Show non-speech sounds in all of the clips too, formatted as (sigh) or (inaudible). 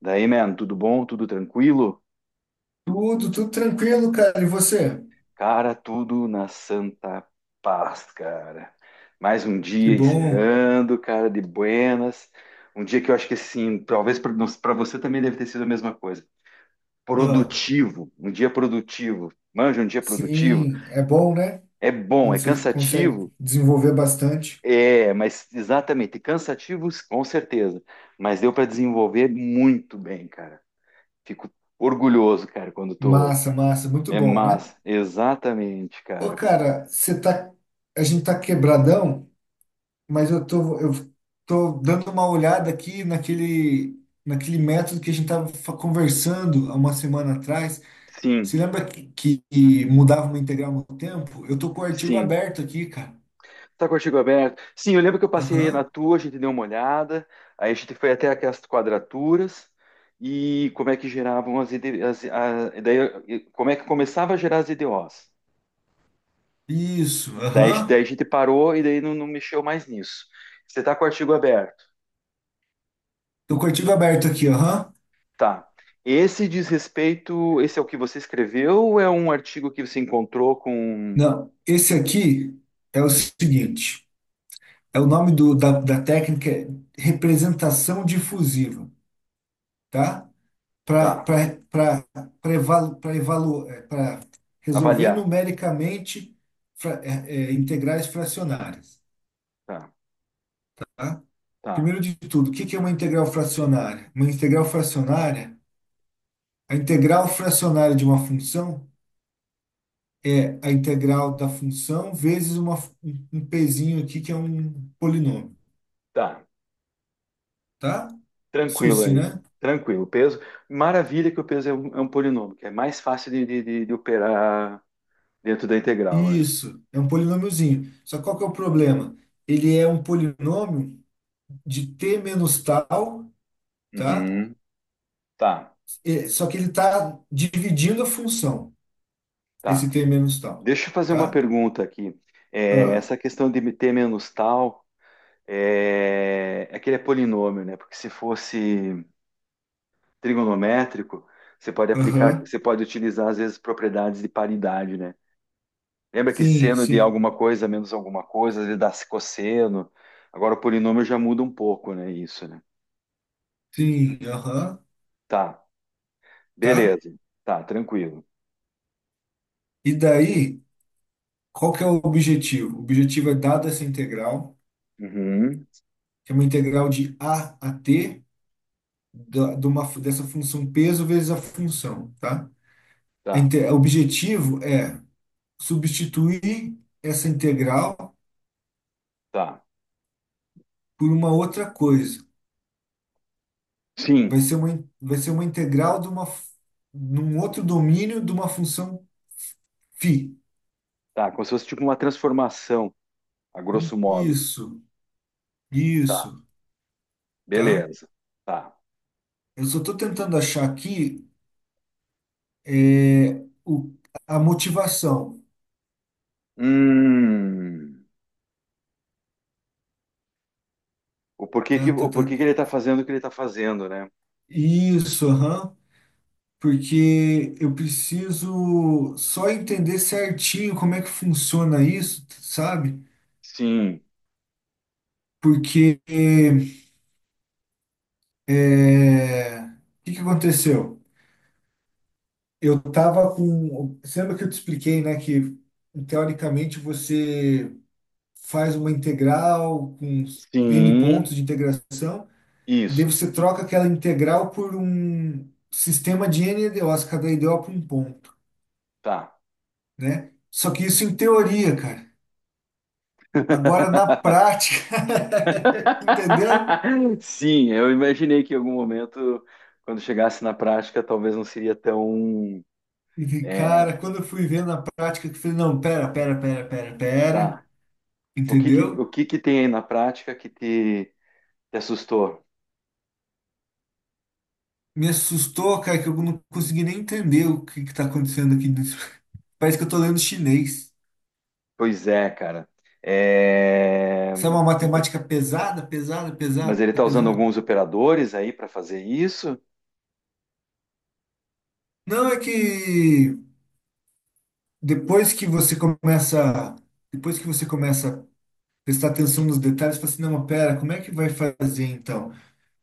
Daí, man, tudo bom? Tudo tranquilo? Tudo tranquilo, cara. E você? Cara, tudo na santa paz, cara. Mais um Que dia bom. encerrando, cara, de buenas. Um dia que eu acho que, assim, talvez para você também deve ter sido a mesma coisa. Ah, Produtivo, um dia produtivo. Manja, um dia produtivo. sim, é bom, né? É bom, é Quando você consegue cansativo? desenvolver bastante. É, mas exatamente, cansativos, com certeza. Mas deu para desenvolver muito bem, cara. Fico orgulhoso, cara, quando tô. Massa, massa, muito É bom, né? massa, exatamente, Ô, cara. cara, você tá. A gente tá quebradão, mas eu tô dando uma olhada aqui naquele método que a gente tava conversando há uma semana atrás. Sim, Você lembra que que mudava uma integral no tempo? Eu tô com o artigo sim. aberto aqui, cara. Tá com o artigo aberto? Sim, eu lembro que eu passei na Aham. tua, a gente deu uma olhada, aí a gente foi até aquelas quadraturas e como é que geravam as, e daí, e como é que começava a gerar as IDOs. Isso, Daí, aham. daí a gente parou e daí não, não mexeu mais nisso. Você tá com o artigo aberto? Do Cortigo aberto aqui, aham. Tá. Esse diz respeito, esse é o que você escreveu ou é um artigo que você encontrou com... Não, esse aqui é o seguinte, é o nome da técnica é representação difusiva, tá? Para Tá, para resolver avaliar. numericamente integrais fracionárias, Tá, tá? tá, Primeiro de tudo, o que que é uma integral fracionária? Uma integral fracionária, a integral fracionária de uma função é a integral da função vezes uma, um um pezinho aqui que é um polinômio, tá. tá? Tranquilo SUSS, aí. né? Tranquilo. Peso. Maravilha que o peso é um polinômio, que é mais fácil de operar dentro da integral, né? Isso, é um polinômiozinho. Só que qual que é o problema? Ele é um polinômio de t menos tal, tá? Uhum. Tá, Só que ele está dividindo a função, tá. esse t menos tal, Deixa eu fazer uma tá? pergunta aqui. É, Ah, essa questão de ter menos tal é que ele é polinômio, né? Porque se fosse trigonométrico, você pode aplicar, aham, você pode utilizar às vezes propriedades de paridade, né? Lembra que sim, seno de sim, alguma coisa menos alguma coisa, às vezes dá cosseno. Agora o polinômio já muda um pouco, né? Isso, né? sim, aham, Tá, tá? beleza. Tá, tranquilo. E daí, qual que é o objetivo? O objetivo é, dada essa integral, Uhum. é uma integral de A a T dessa função peso vezes a função, tá? Tá, O objetivo é substituir essa integral tá. por uma outra coisa. Vai Sim, ser uma, in- vai ser uma integral num outro domínio de uma função φ. tá, como se fosse tipo uma transformação, a grosso modo. Isso, Tá, isso, tá? beleza. Tá. Eu só estou tentando achar aqui é, o, a motivação. Hum. O porquê que, Tá, tá, o tá, porquê que ele tá. tá fazendo o que ele tá fazendo, né? Isso, aham. Porque eu preciso só entender certinho como é que funciona isso, sabe? Sim, Porque o que que aconteceu? Eu tava com. Você lembra que eu te expliquei, né? Que teoricamente você faz uma integral com N sim, pontos de integração, e daí isso, você troca aquela integral por um sistema de N EDOs, cada EDO para um ponto, tá. né? Só que isso em teoria, cara. Agora na prática, (laughs) entendeu? (laughs) Sim, eu imaginei que em algum momento, quando chegasse na prática, talvez não seria tão, Vi, é, cara, quando eu fui ver na prática, que eu falei, não, pera, pera, pera, pera, tá. pera, O que que, o entendeu? que que tem aí na prática que te assustou? Me assustou, cara, que eu não consegui nem entender o que que tá acontecendo aqui dentro. (laughs) Parece que eu tô lendo chinês. Pois é, cara. É, Sabe uma matemática pesada, pesada, Mas pesada, ele está usando pesada? alguns operadores aí para fazer isso? Não, é que depois que você começa, depois que você começa a prestar atenção nos detalhes, você fala assim, não, mas pera, como é que vai fazer então?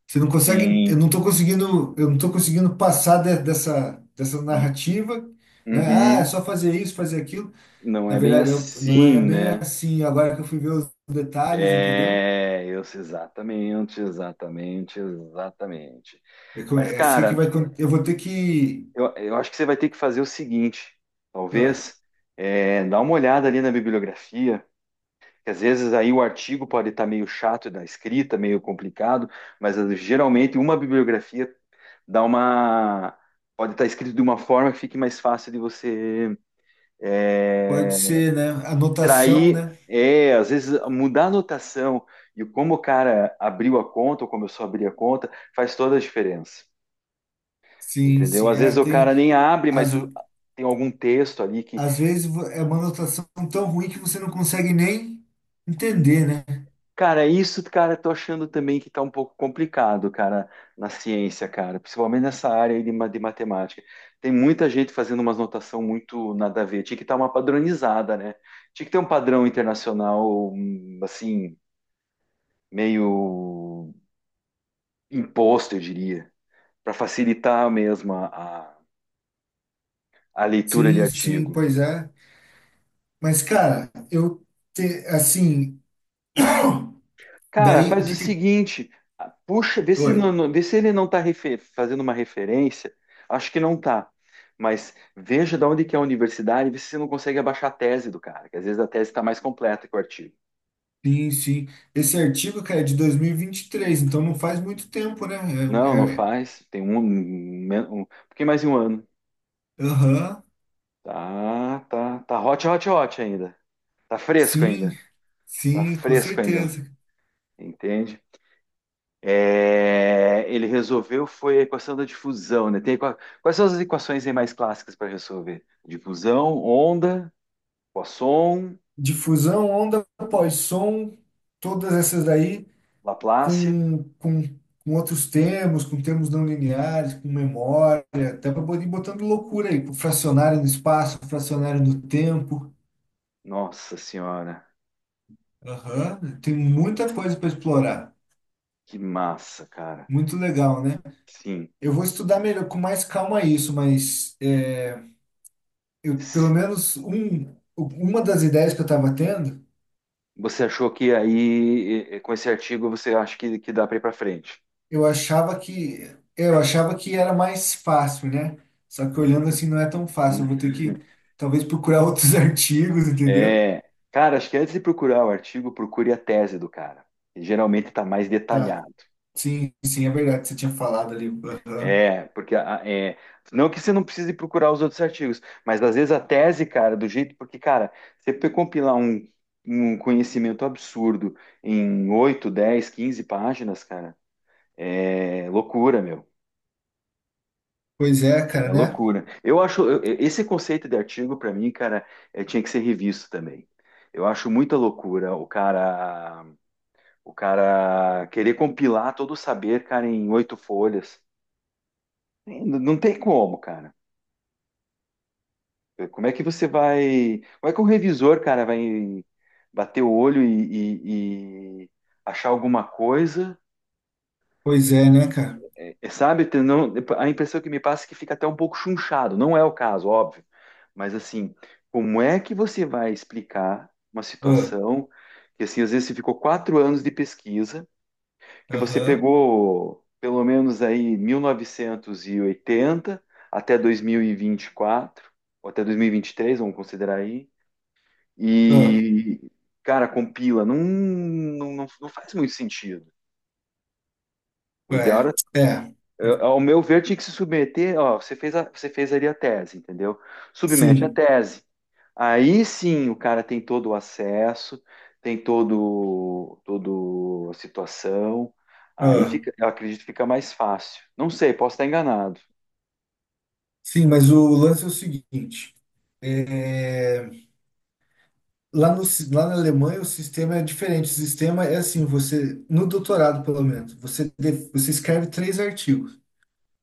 Você não consegue, eu Sim. não estou conseguindo, eu não tô conseguindo passar dessa narrativa, né? Ah, é Uhum. só fazer isso, fazer aquilo. Não Na é bem verdade, não é assim, bem né? assim. Agora que eu fui ver os detalhes, entendeu? É, eu sei exatamente, exatamente, exatamente. É, Mas, é, isso que cara, vai, eu vou ter que, eu acho que você vai ter que fazer o seguinte, ah, talvez, é, dá uma olhada ali na bibliografia que às vezes aí o artigo pode estar meio chato da escrita, meio complicado, mas geralmente uma bibliografia dá uma pode estar escrito de uma forma que fique mais fácil de você pode eh, ser, né? Anotação, extrair, né? Às vezes mudar a notação e como o cara abriu a conta ou começou a abrir a conta faz toda a diferença, Sim, entendeu? sim, Às é, vezes o tem, cara nem abre, às, mas tem algum texto ali que. às vezes é uma anotação tão ruim que você não consegue nem entender, né? Cara, isso, cara, tô achando também que tá um pouco complicado, cara, na ciência, cara, principalmente nessa área aí de matemática. Tem muita gente fazendo umas notação muito nada a ver. Tinha que estar uma padronizada, né? Tinha que ter um padrão internacional, assim, meio imposto, eu diria, para facilitar mesmo a leitura de Sim, sim, artigo. pois é. Mas, cara, eu, te, assim, Cara, daí, o faz o que que... seguinte, ah, puxa, vê se, Oi, vê se ele não tá fazendo uma referência. Acho que não tá. Mas veja de onde que é a universidade, vê se você não consegue abaixar a tese do cara, que às vezes a tese está mais completa que o artigo. sim, sim. Esse artigo, cara, é de dois mil e vinte e três então não faz muito tempo, né? É, um, Não, não é- faz. Tem um pouquinho mais de um ano. Aham, Tá, tá, tá hot, hot, hot ainda. Tá fresco ainda. sim, Tá sim, com fresco ainda. certeza. Entende? É, ele resolveu foi a equação da difusão, né? Quais são as equações aí mais clássicas para resolver? Difusão, onda, Poisson, Difusão, onda após som, todas essas daí Laplace. com, com, com outros termos, com termos não lineares, com memória, até para poder ir botando loucura aí, com fracionário no espaço, fracionário no tempo. Nossa senhora, Aham, tem muita coisa para explorar. que massa, cara. Muito legal, né? Sim, Eu vou estudar melhor, com mais calma isso, mas é, eu, pelo sim. menos uma das ideias que eu estava tendo, Você achou que aí, com esse artigo, você acha que dá para ir para frente? eu achava que eu achava que era mais fácil, né? Só que olhando assim não é tão fácil. Eu vou ter que (laughs) talvez procurar outros (laughs) artigos, entendeu? É, cara, acho que antes de procurar o artigo, procure a tese do cara. Geralmente está mais detalhado. Sim, sim, é verdade. Você tinha falado ali. Aham. É, porque é, não que você não precise procurar os outros artigos, mas às vezes a tese, cara, do jeito, porque, cara, você compilar um conhecimento absurdo em 8, 10, 15 páginas, cara, é loucura, meu. Pois é, É cara, né? loucura. Eu acho, eu- esse conceito de artigo, pra mim, cara, é, tinha que ser revisto também. Eu acho muita loucura o cara querer compilar todo o saber, cara, em oito folhas. Não não tem como, cara. Como é que você vai. Como é que o revisor, cara, vai bater o olho e achar alguma coisa? Pois é, né, cara? É, sabe? A impressão que me passa é que fica até um pouco chunchado. Não é o caso, óbvio. Mas assim, como é que você vai explicar uma Ah, situação que assim, às vezes você ficou 4 anos de pesquisa, que você aham. pegou pelo menos aí 1980 até dois mil e vinte e quatro ou até dois mil e vinte e três? Vamos considerar aí. Ah, E, cara, compila. Não, não, não, não faz muito sentido. O ideal era, é, é. Ao meu ver, tinha que se submeter. Ó, você fez ali a tese, entendeu? Submete a Sim. tese. Aí sim o cara tem todo o acesso, tem todo a situação. Aí fica, eu acredito que fica mais fácil. Não sei, posso estar enganado. Sim, mas o lance é o seguinte. É, lá, no, si- lá na Alemanha o sistema é diferente. O sistema é assim, você, no doutorado pelo menos, você, você escreve três artigos,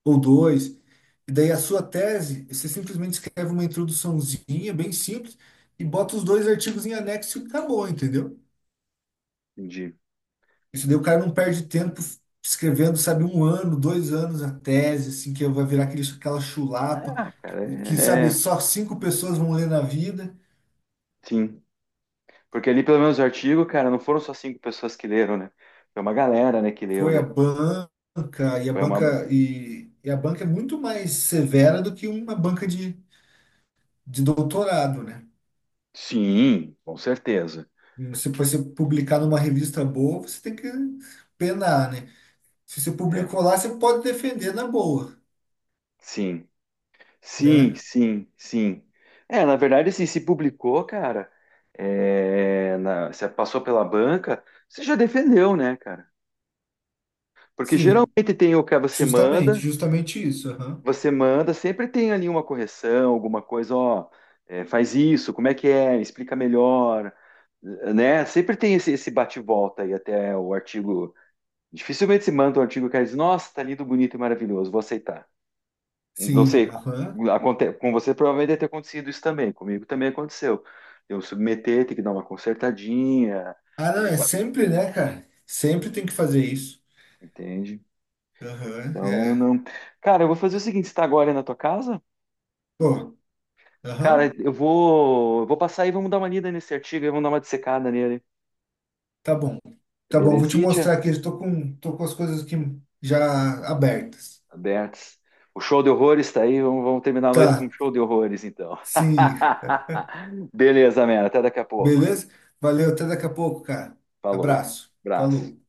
ou dois, e daí a sua tese, você simplesmente escreve uma introduçãozinha bem simples e bota os dois artigos em anexo e acabou, entendeu? Entendi. Isso daí o cara não perde tempo escrevendo, sabe, um ano, 2 anos a tese, assim, que vai virar aquela chulapa, Ah, cara, que, sabe, só cinco pessoas vão ler na vida. sim. Porque ali, pelo menos, o artigo, cara, não foram só cinco pessoas que leram, né? Foi uma galera, né, que leu, Foi né? A Foi uma. banca e a banca é muito mais severa do que uma banca de doutorado, né? Sim, com certeza. Se você publicar numa revista boa, você tem que penar, né? Se você É, publicou lá, você pode defender na boa, sim. Sim, né? sim, sim. É, na verdade, assim, se publicou, cara, se passou pela banca, você já defendeu, né, cara? Porque Sim, geralmente tem o que você justamente, manda, justamente isso. Aham. você manda, sempre tem ali uma correção, alguma coisa, ó, é, faz isso, como é que é, explica melhor, né? Sempre tem esse bate-volta aí até o artigo. Dificilmente se manda um artigo que diz, nossa, tá lindo, bonito e maravilhoso, vou aceitar. Não Sim, sei, aham. Com você provavelmente deve ter acontecido isso também, comigo também aconteceu. Eu submeter, ter que dar uma consertadinha, Ah, não, é ajeitar, sempre, né, cara? Sempre tem que fazer isso. entende? Aham, Então, é. não. Cara, eu vou fazer o seguinte, você tá agora aí na tua casa? Pô, Cara, aham. eu vou passar aí, vamos dar uma lida nesse artigo, aí vamos dar uma dissecada nele. Tá bom. Tá bom, vou te mostrar Belezitia? aqui. Tô com as coisas aqui já abertas. Abertos. O show de horrores tá aí, vamos terminar a noite com um Tá, show de horrores, então. sim. (laughs) Beleza, Mera, até daqui a pouco. Beleza? Valeu, até daqui a pouco, cara. Falou. Abraço. Abraço. Falou.